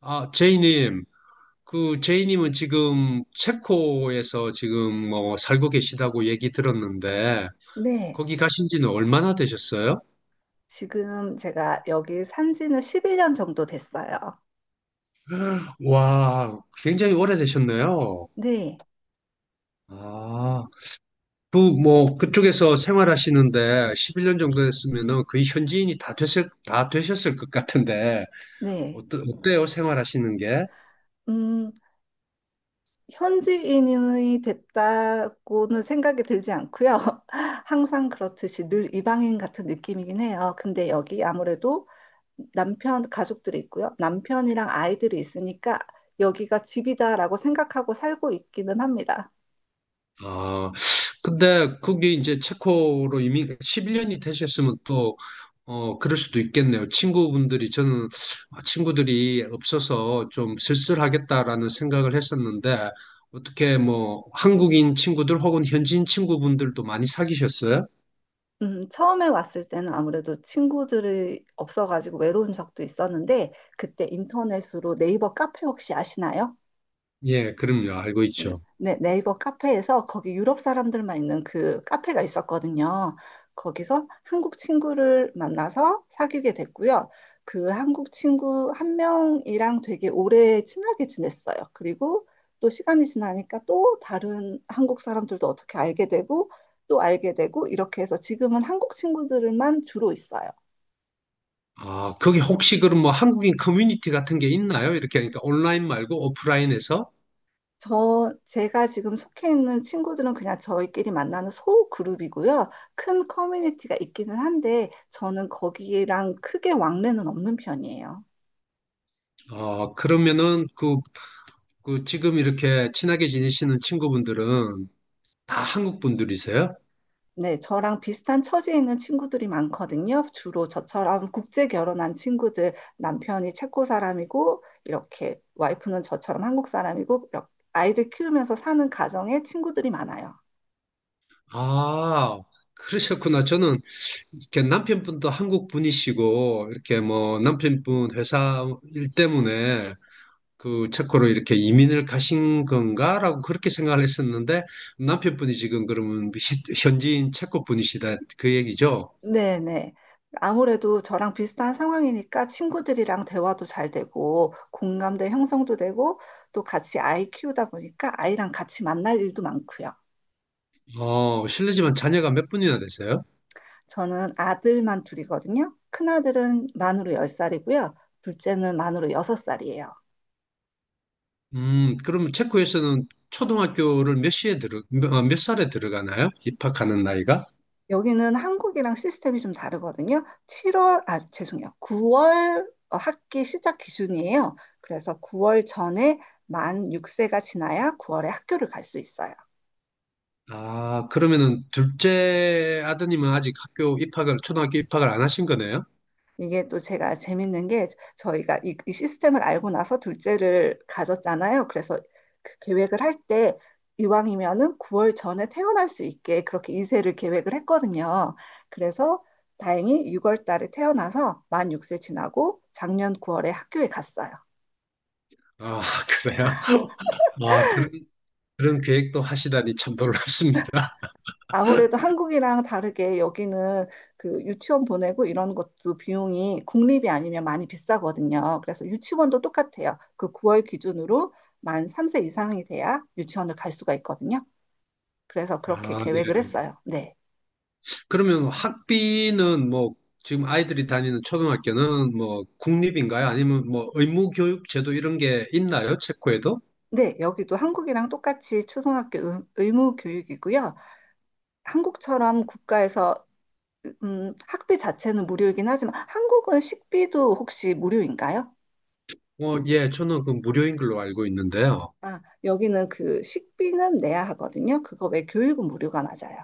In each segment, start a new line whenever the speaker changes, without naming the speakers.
아, 제이님, 그 제이님은 지금 체코에서 지금 뭐 살고 계시다고 얘기 들었는데
네,
거기 가신 지는 얼마나 되셨어요?
지금 제가 여기 산 지는 11년 정도 됐어요.
와, 굉장히 오래되셨네요.
네,
아, 그 뭐 그쪽에서 생활하시는데 11년 정도 됐으면은 거의 현지인이 다 되셨을 것 같은데
네.
어때요? 생활하시는 게?
음, 현지인이 됐다고는 생각이 들지 않고요. 항상 그렇듯이 늘 이방인 같은 느낌이긴 해요. 근데 여기 아무래도 남편, 가족들이 있고요. 남편이랑 아이들이 있으니까 여기가 집이다라고 생각하고 살고 있기는 합니다.
아, 근데 그게 이제 체코로 이미 11년이 되셨으면 또, 어, 그럴 수도 있겠네요. 친구분들이, 저는 아, 친구들이 없어서 좀 쓸쓸하겠다라는 생각을 했었는데, 어떻게 뭐 한국인 친구들 혹은 현지인 친구분들도 많이 사귀셨어요?
처음에 왔을 때는 아무래도 친구들이 없어가지고 외로운 적도 있었는데, 그때 인터넷으로 네이버 카페 혹시 아시나요?
예, 그럼요. 알고
네,
있죠.
네, 네이버 카페에서 거기 유럽 사람들만 있는 그 카페가 있었거든요. 거기서 한국 친구를 만나서 사귀게 됐고요. 그 한국 친구 한 명이랑 되게 오래 친하게 지냈어요. 그리고 또 시간이 지나니까 또 다른 한국 사람들도 어떻게 알게 되고 또 알게 되고 이렇게 해서 지금은 한국 친구들만 주로 있어요.
아, 거기 혹시 그럼 뭐 한국인 커뮤니티 같은 게 있나요? 이렇게 하니까 온라인 말고 오프라인에서?
제가 지금 속해 있는 친구들은 그냥 저희끼리 만나는 소 그룹이고요. 큰 커뮤니티가 있기는 한데, 저는 거기랑 크게 왕래는 없는 편이에요.
아, 그러면은 그 지금 이렇게 친하게 지내시는 친구분들은 다 한국 분들이세요?
네, 저랑 비슷한 처지에 있는 친구들이 많거든요. 주로 저처럼 국제 결혼한 친구들, 남편이 체코 사람이고, 이렇게 와이프는 저처럼 한국 사람이고, 이렇게 아이들 키우면서 사는 가정의 친구들이 많아요.
아, 그러셨구나. 저는 이렇게 남편분도 한국 분이시고 이렇게 뭐 남편분 회사 일 때문에 그 체코로 이렇게 이민을 가신 건가라고 그렇게 생각을 했었는데 남편분이 지금 그러면 현지인 체코 분이시다 그 얘기죠?
네네. 아무래도 저랑 비슷한 상황이니까 친구들이랑 대화도 잘 되고, 공감대 형성도 되고, 또 같이 아이 키우다 보니까 아이랑 같이 만날 일도 많고요.
어, 실례지만 자녀가 몇 분이나 되세요?
저는 아들만 둘이거든요. 큰아들은 만으로 열 살이고요. 둘째는 만으로 여섯 살이에요.
그러면 체코에서는 초등학교를 몇 살에 들어가나요? 입학하는 나이가?
여기는 한국이랑 시스템이 좀 다르거든요. 7월, 아, 죄송해요. 9월 학기 시작 기준이에요. 그래서 9월 전에 만 6세가 지나야 9월에 학교를 갈 수 있어요.
아, 그러면은 둘째 아드님은 아직 초등학교 입학을 안 하신 거네요?
이게 또 제가 재밌는 게 저희가 이 시스템을 알고 나서 둘째를 가졌잖아요. 그래서 그 계획을 할 때 이왕이면은 9월 전에 태어날 수 있게 그렇게 이세를 계획을 했거든요. 그래서 다행히 6월 달에 태어나서 만 6세 지나고 작년 9월에 학교에 갔어요.
아, 그래요? 아, 그런, 그런 계획도 하시다니 참 놀랍습니다.
아무래도 한국이랑 다르게 여기는 그 유치원 보내고 이런 것도 비용이 국립이 아니면 많이 비싸거든요. 그래서 유치원도 똑같아요. 그 9월 기준으로 만 3세 이상이 돼야 유치원을 갈 수가 있거든요. 그래서 그렇게
아, 네.
계획을 했어요. 네.
그러면 학비는 뭐, 지금 아이들이 다니는 초등학교는 뭐, 국립인가요? 아니면 뭐, 의무교육 제도 이런 게 있나요? 체코에도?
네, 여기도 한국이랑 똑같이 초등학교 의무 교육이고요. 한국처럼 국가에서 학비 자체는 무료이긴 하지만 한국은 식비도 혹시 무료인가요?
어, 예, 저는 그 무료인 걸로 알고 있는데요.
아, 여기는 그 식비는 내야 하거든요. 그거 외 교육은 무료가 맞아요.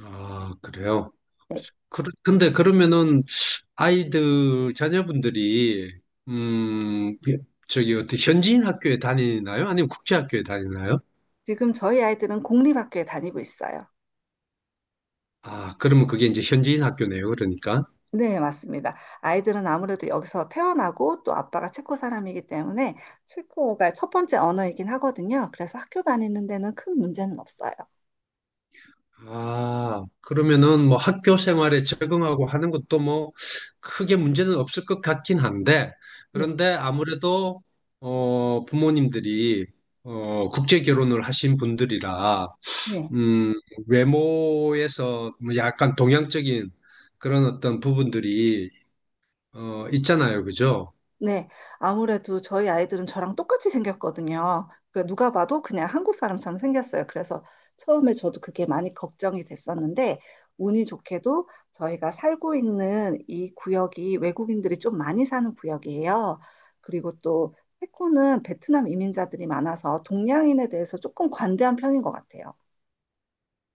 아, 그래요?
네.
그, 근데 그러면은 아이들, 자녀분들이, 음, 저기, 어떻게 현지인 학교에 다니나요? 아니면 국제학교에 다니나요?
지금 저희 아이들은 공립학교에 다니고 있어요.
아, 그러면 그게 이제 현지인 학교네요, 그러니까.
네, 맞습니다. 아이들은 아무래도 여기서 태어나고 또 아빠가 체코 사람이기 때문에 체코가 첫 번째 언어이긴 하거든요. 그래서 학교 다니는 데는 큰 문제는 없어요.
아, 그러면은 뭐 학교 생활에 적응하고 하는 것도 뭐 크게 문제는 없을 것 같긴 한데,
네.
그런데 아무래도, 어, 부모님들이, 어, 국제 결혼을 하신 분들이라,
네.
음, 외모에서 뭐 약간 동양적인 그런 어떤 부분들이 어, 있잖아요. 그죠?
네, 아무래도 저희 아이들은 저랑 똑같이 생겼거든요. 그러니까 누가 봐도 그냥 한국 사람처럼 생겼어요. 그래서 처음에 저도 그게 많이 걱정이 됐었는데, 운이 좋게도 저희가 살고 있는 이 구역이 외국인들이 좀 많이 사는 구역이에요. 그리고 또 태코는 베트남 이민자들이 많아서 동양인에 대해서 조금 관대한 편인 것 같아요.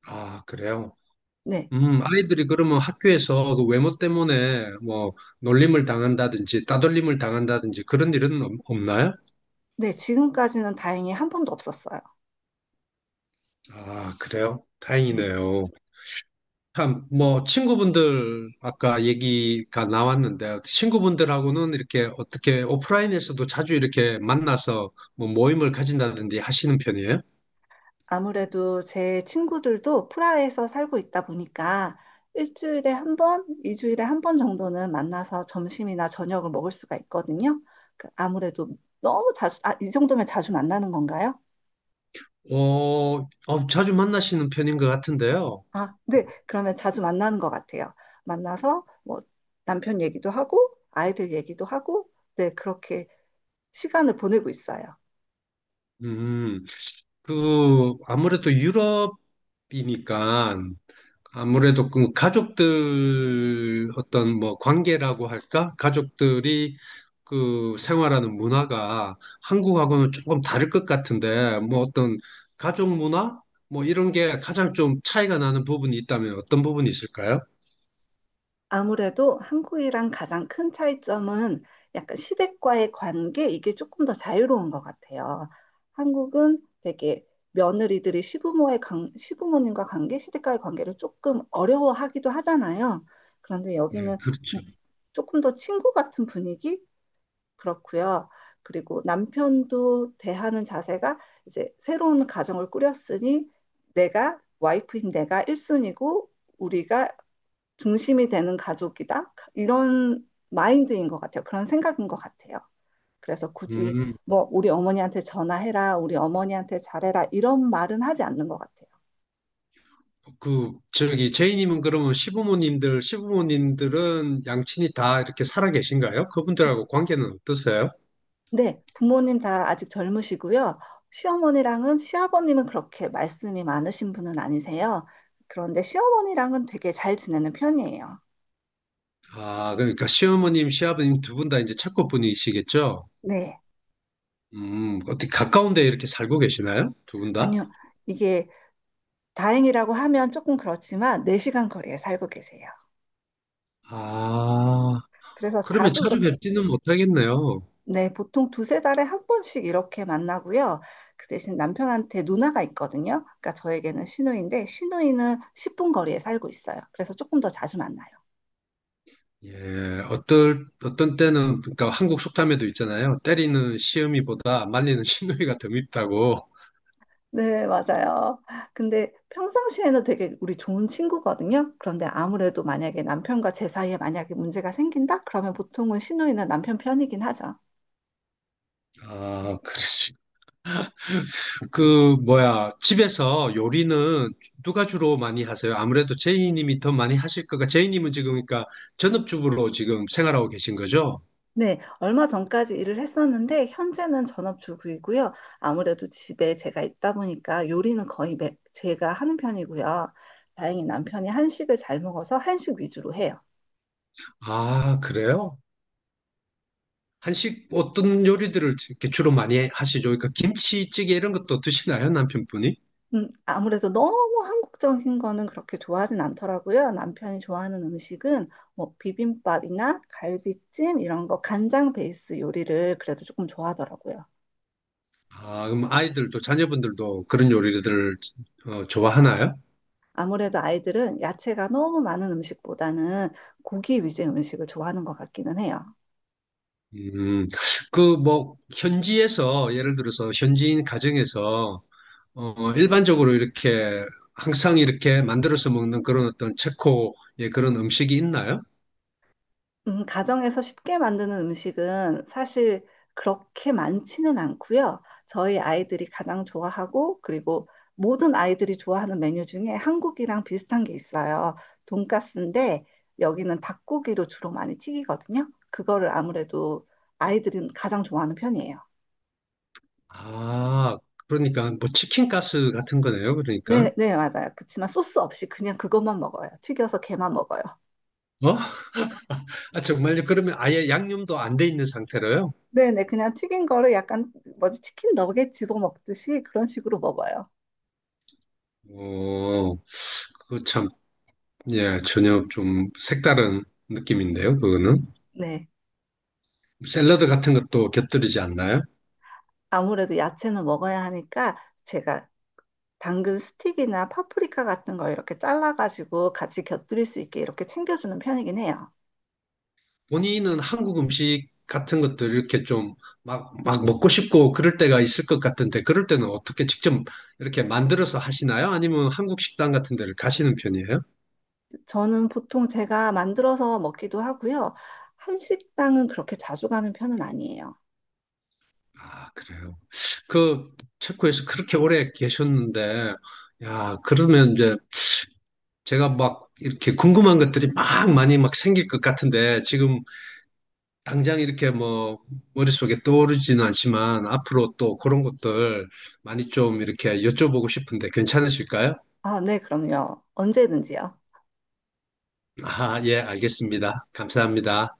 아, 그래요.
네,
아이들이 그러면 학교에서 그 외모 때문에 뭐 놀림을 당한다든지 따돌림을 당한다든지 그런 일은 없나요?
네, 지금까지는 다행히 한 번도 없었어요.
아, 그래요?
네.
다행이네요. 참, 뭐, 친구분들, 아까 얘기가 나왔는데, 친구분들하고는 이렇게 어떻게 오프라인에서도 자주 이렇게 만나서 뭐 모임을 가진다든지 하시는 편이에요?
아무래도 제 친구들도 프라하에서 살고 있다 보니까 일주일에 한 번, 이주일에 한 번 정도는 만나서 점심이나 저녁을 먹을 수가 있거든요. 그 아무래도 너무 자주, 아, 이 정도면 자주 만나는 건가요?
어, 자주 만나시는 편인 것 같은데요.
아, 네. 그러면 자주 만나는 것 같아요. 만나서 뭐 남편 얘기도 하고 아이들 얘기도 하고 네, 그렇게 시간을 보내고 있어요.
음, 그, 아무래도 유럽이니까, 아무래도 그 가족들 어떤 뭐 관계라고 할까? 가족들이 그 생활하는 문화가 한국하고는 조금 다를 것 같은데, 뭐 어떤 가족 문화? 뭐 이런 게 가장 좀 차이가 나는 부분이 있다면 어떤 부분이 있을까요?
아무래도 한국이랑 가장 큰 차이점은 약간 시댁과의 관계, 이게 조금 더 자유로운 것 같아요. 한국은 되게 며느리들이 시부모의 관, 시부모님과 관계, 시댁과의 관계를 조금 어려워하기도 하잖아요. 그런데
네,
여기는
그렇죠.
조금 더 친구 같은 분위기? 그렇고요. 그리고 남편도 대하는 자세가 이제 새로운 가정을 꾸렸으니 내가 와이프인 내가 1순위고 우리가 중심이 되는 가족이다. 이런 마인드인 것 같아요. 그런 생각인 것 같아요. 그래서 굳이
음.
뭐 우리 어머니한테 전화해라, 우리 어머니한테 잘해라 이런 말은 하지 않는 것 같아요.
그 저기 제이님은 그러면 시부모님들은 양친이 다 이렇게 살아 계신가요? 그분들하고 관계는 어떠세요?
네, 부모님 다 아직 젊으시고요. 시어머니랑은 시아버님은 그렇게 말씀이 많으신 분은 아니세요. 그런데 시어머니랑은 되게 잘 지내는 편이에요.
아, 그러니까 시어머님 시아버님 두 분 다 이제 착고분이시겠죠?
네,
음, 어떻게 가까운데 이렇게 살고 계시나요? 두 분 다?
아니요. 이게 다행이라고 하면 조금 그렇지만 4시간 거리에 살고 계세요.
아,
그래서
그러면
자주
자주
그렇게.
뵙지는 못하겠네요.
네, 보통 두세 달에 한 번씩 이렇게 만나고요. 그 대신 남편한테 누나가 있거든요. 그러니까 저에게는 시누이인데 시누이는 10분 거리에 살고 있어요. 그래서 조금 더 자주 만나요.
예, 어떨 어떤 때는 그러니까 한국 속담에도 있잖아요. 때리는 시어미보다 말리는 시누이가 더 밉다고.
네, 맞아요. 근데 평상시에는 되게 우리 좋은 친구거든요. 그런데 아무래도 만약에 남편과 제 사이에 만약에 문제가 생긴다? 그러면 보통은 시누이는 남편 편이긴 하죠.
아, 그러시. 그 뭐야 집에서 요리는 누가 주로 많이 하세요? 아무래도 제이님이 더 많이 하실 거가 제이님은 지금 그러니까 전업주부로 지금 생활하고 계신 거죠?
네, 얼마 전까지 일을 했었는데 현재는 전업주부이고요. 아무래도 집에 제가 있다 보니까 요리는 거의 제가 하는 편이고요. 다행히 남편이 한식을 잘 먹어서 한식 위주로 해요.
아, 그래요? 한식 어떤 요리들을 이렇게 주로 많이 하시죠? 그러니까 김치찌개 이런 것도 드시나요, 남편분이?
아무래도 너무 한국적인 거는 그렇게 좋아하진 않더라고요. 남편이 좋아하는 음식은 뭐 비빔밥이나 갈비찜 이런 거 간장 베이스 요리를 그래도 조금 좋아하더라고요.
아, 그럼 아이들도 자녀분들도 그런 요리들을 좋아하나요?
아무래도 아이들은 야채가 너무 많은 음식보다는 고기 위주의 음식을 좋아하는 것 같기는 해요.
음, 그 뭐 현지에서 예를 들어서 현지인 가정에서 어, 일반적으로 이렇게 항상 이렇게 만들어서 먹는 그런 어떤 체코의 그런 음식이 있나요?
가정에서 쉽게 만드는 음식은 사실 그렇게 많지는 않고요. 저희 아이들이 가장 좋아하고 그리고 모든 아이들이 좋아하는 메뉴 중에 한국이랑 비슷한 게 있어요. 돈가스인데 여기는 닭고기로 주로 많이 튀기거든요. 그거를 아무래도 아이들은 가장 좋아하는 편이에요.
아, 그러니까 뭐 치킨 가스 같은 거네요. 그러니까.
네, 네, 맞아요. 그치만 소스 없이 그냥 그것만 먹어요. 튀겨서 걔만 먹어요.
어? 아, 정말요? 그러면 아예 양념도 안 돼 있는 상태로요?
네, 네, 그냥 튀긴 거를 약간 뭐지 치킨 너겟 집어 먹듯이 그런 식으로 먹어요.
어, 그거 참, 예, 전혀 좀 색다른 느낌인데요, 그거는.
네.
샐러드 같은 것도 곁들이지 않나요?
아무래도 야채는 먹어야 하니까 제가 당근 스틱이나 파프리카 같은 걸 이렇게 잘라가지고 같이 곁들일 수 있게 이렇게 챙겨주는 편이긴 해요.
본인은 한국 음식 같은 것들 이렇게 좀 막 먹고 싶고 그럴 때가 있을 것 같은데, 그럴 때는 어떻게 직접 이렇게 만들어서 하시나요? 아니면 한국 식당 같은 데를 가시는 편이에요?
저는 보통 제가 만들어서 먹기도 하고요. 한식당은 그렇게 자주 가는 편은 아니에요.
아, 그래요. 그, 체코에서 그렇게 오래 계셨는데, 야, 그러면 이제 제가 막 이렇게 궁금한 것들이 막 많이 막 생길 것 같은데, 지금 당장 이렇게 뭐 머릿속에 떠오르지는 않지만 앞으로 또 그런 것들 많이 좀 이렇게 여쭤보고 싶은데 괜찮으실까요?
아, 네, 그럼요. 언제든지요.
아, 예, 알겠습니다. 감사합니다.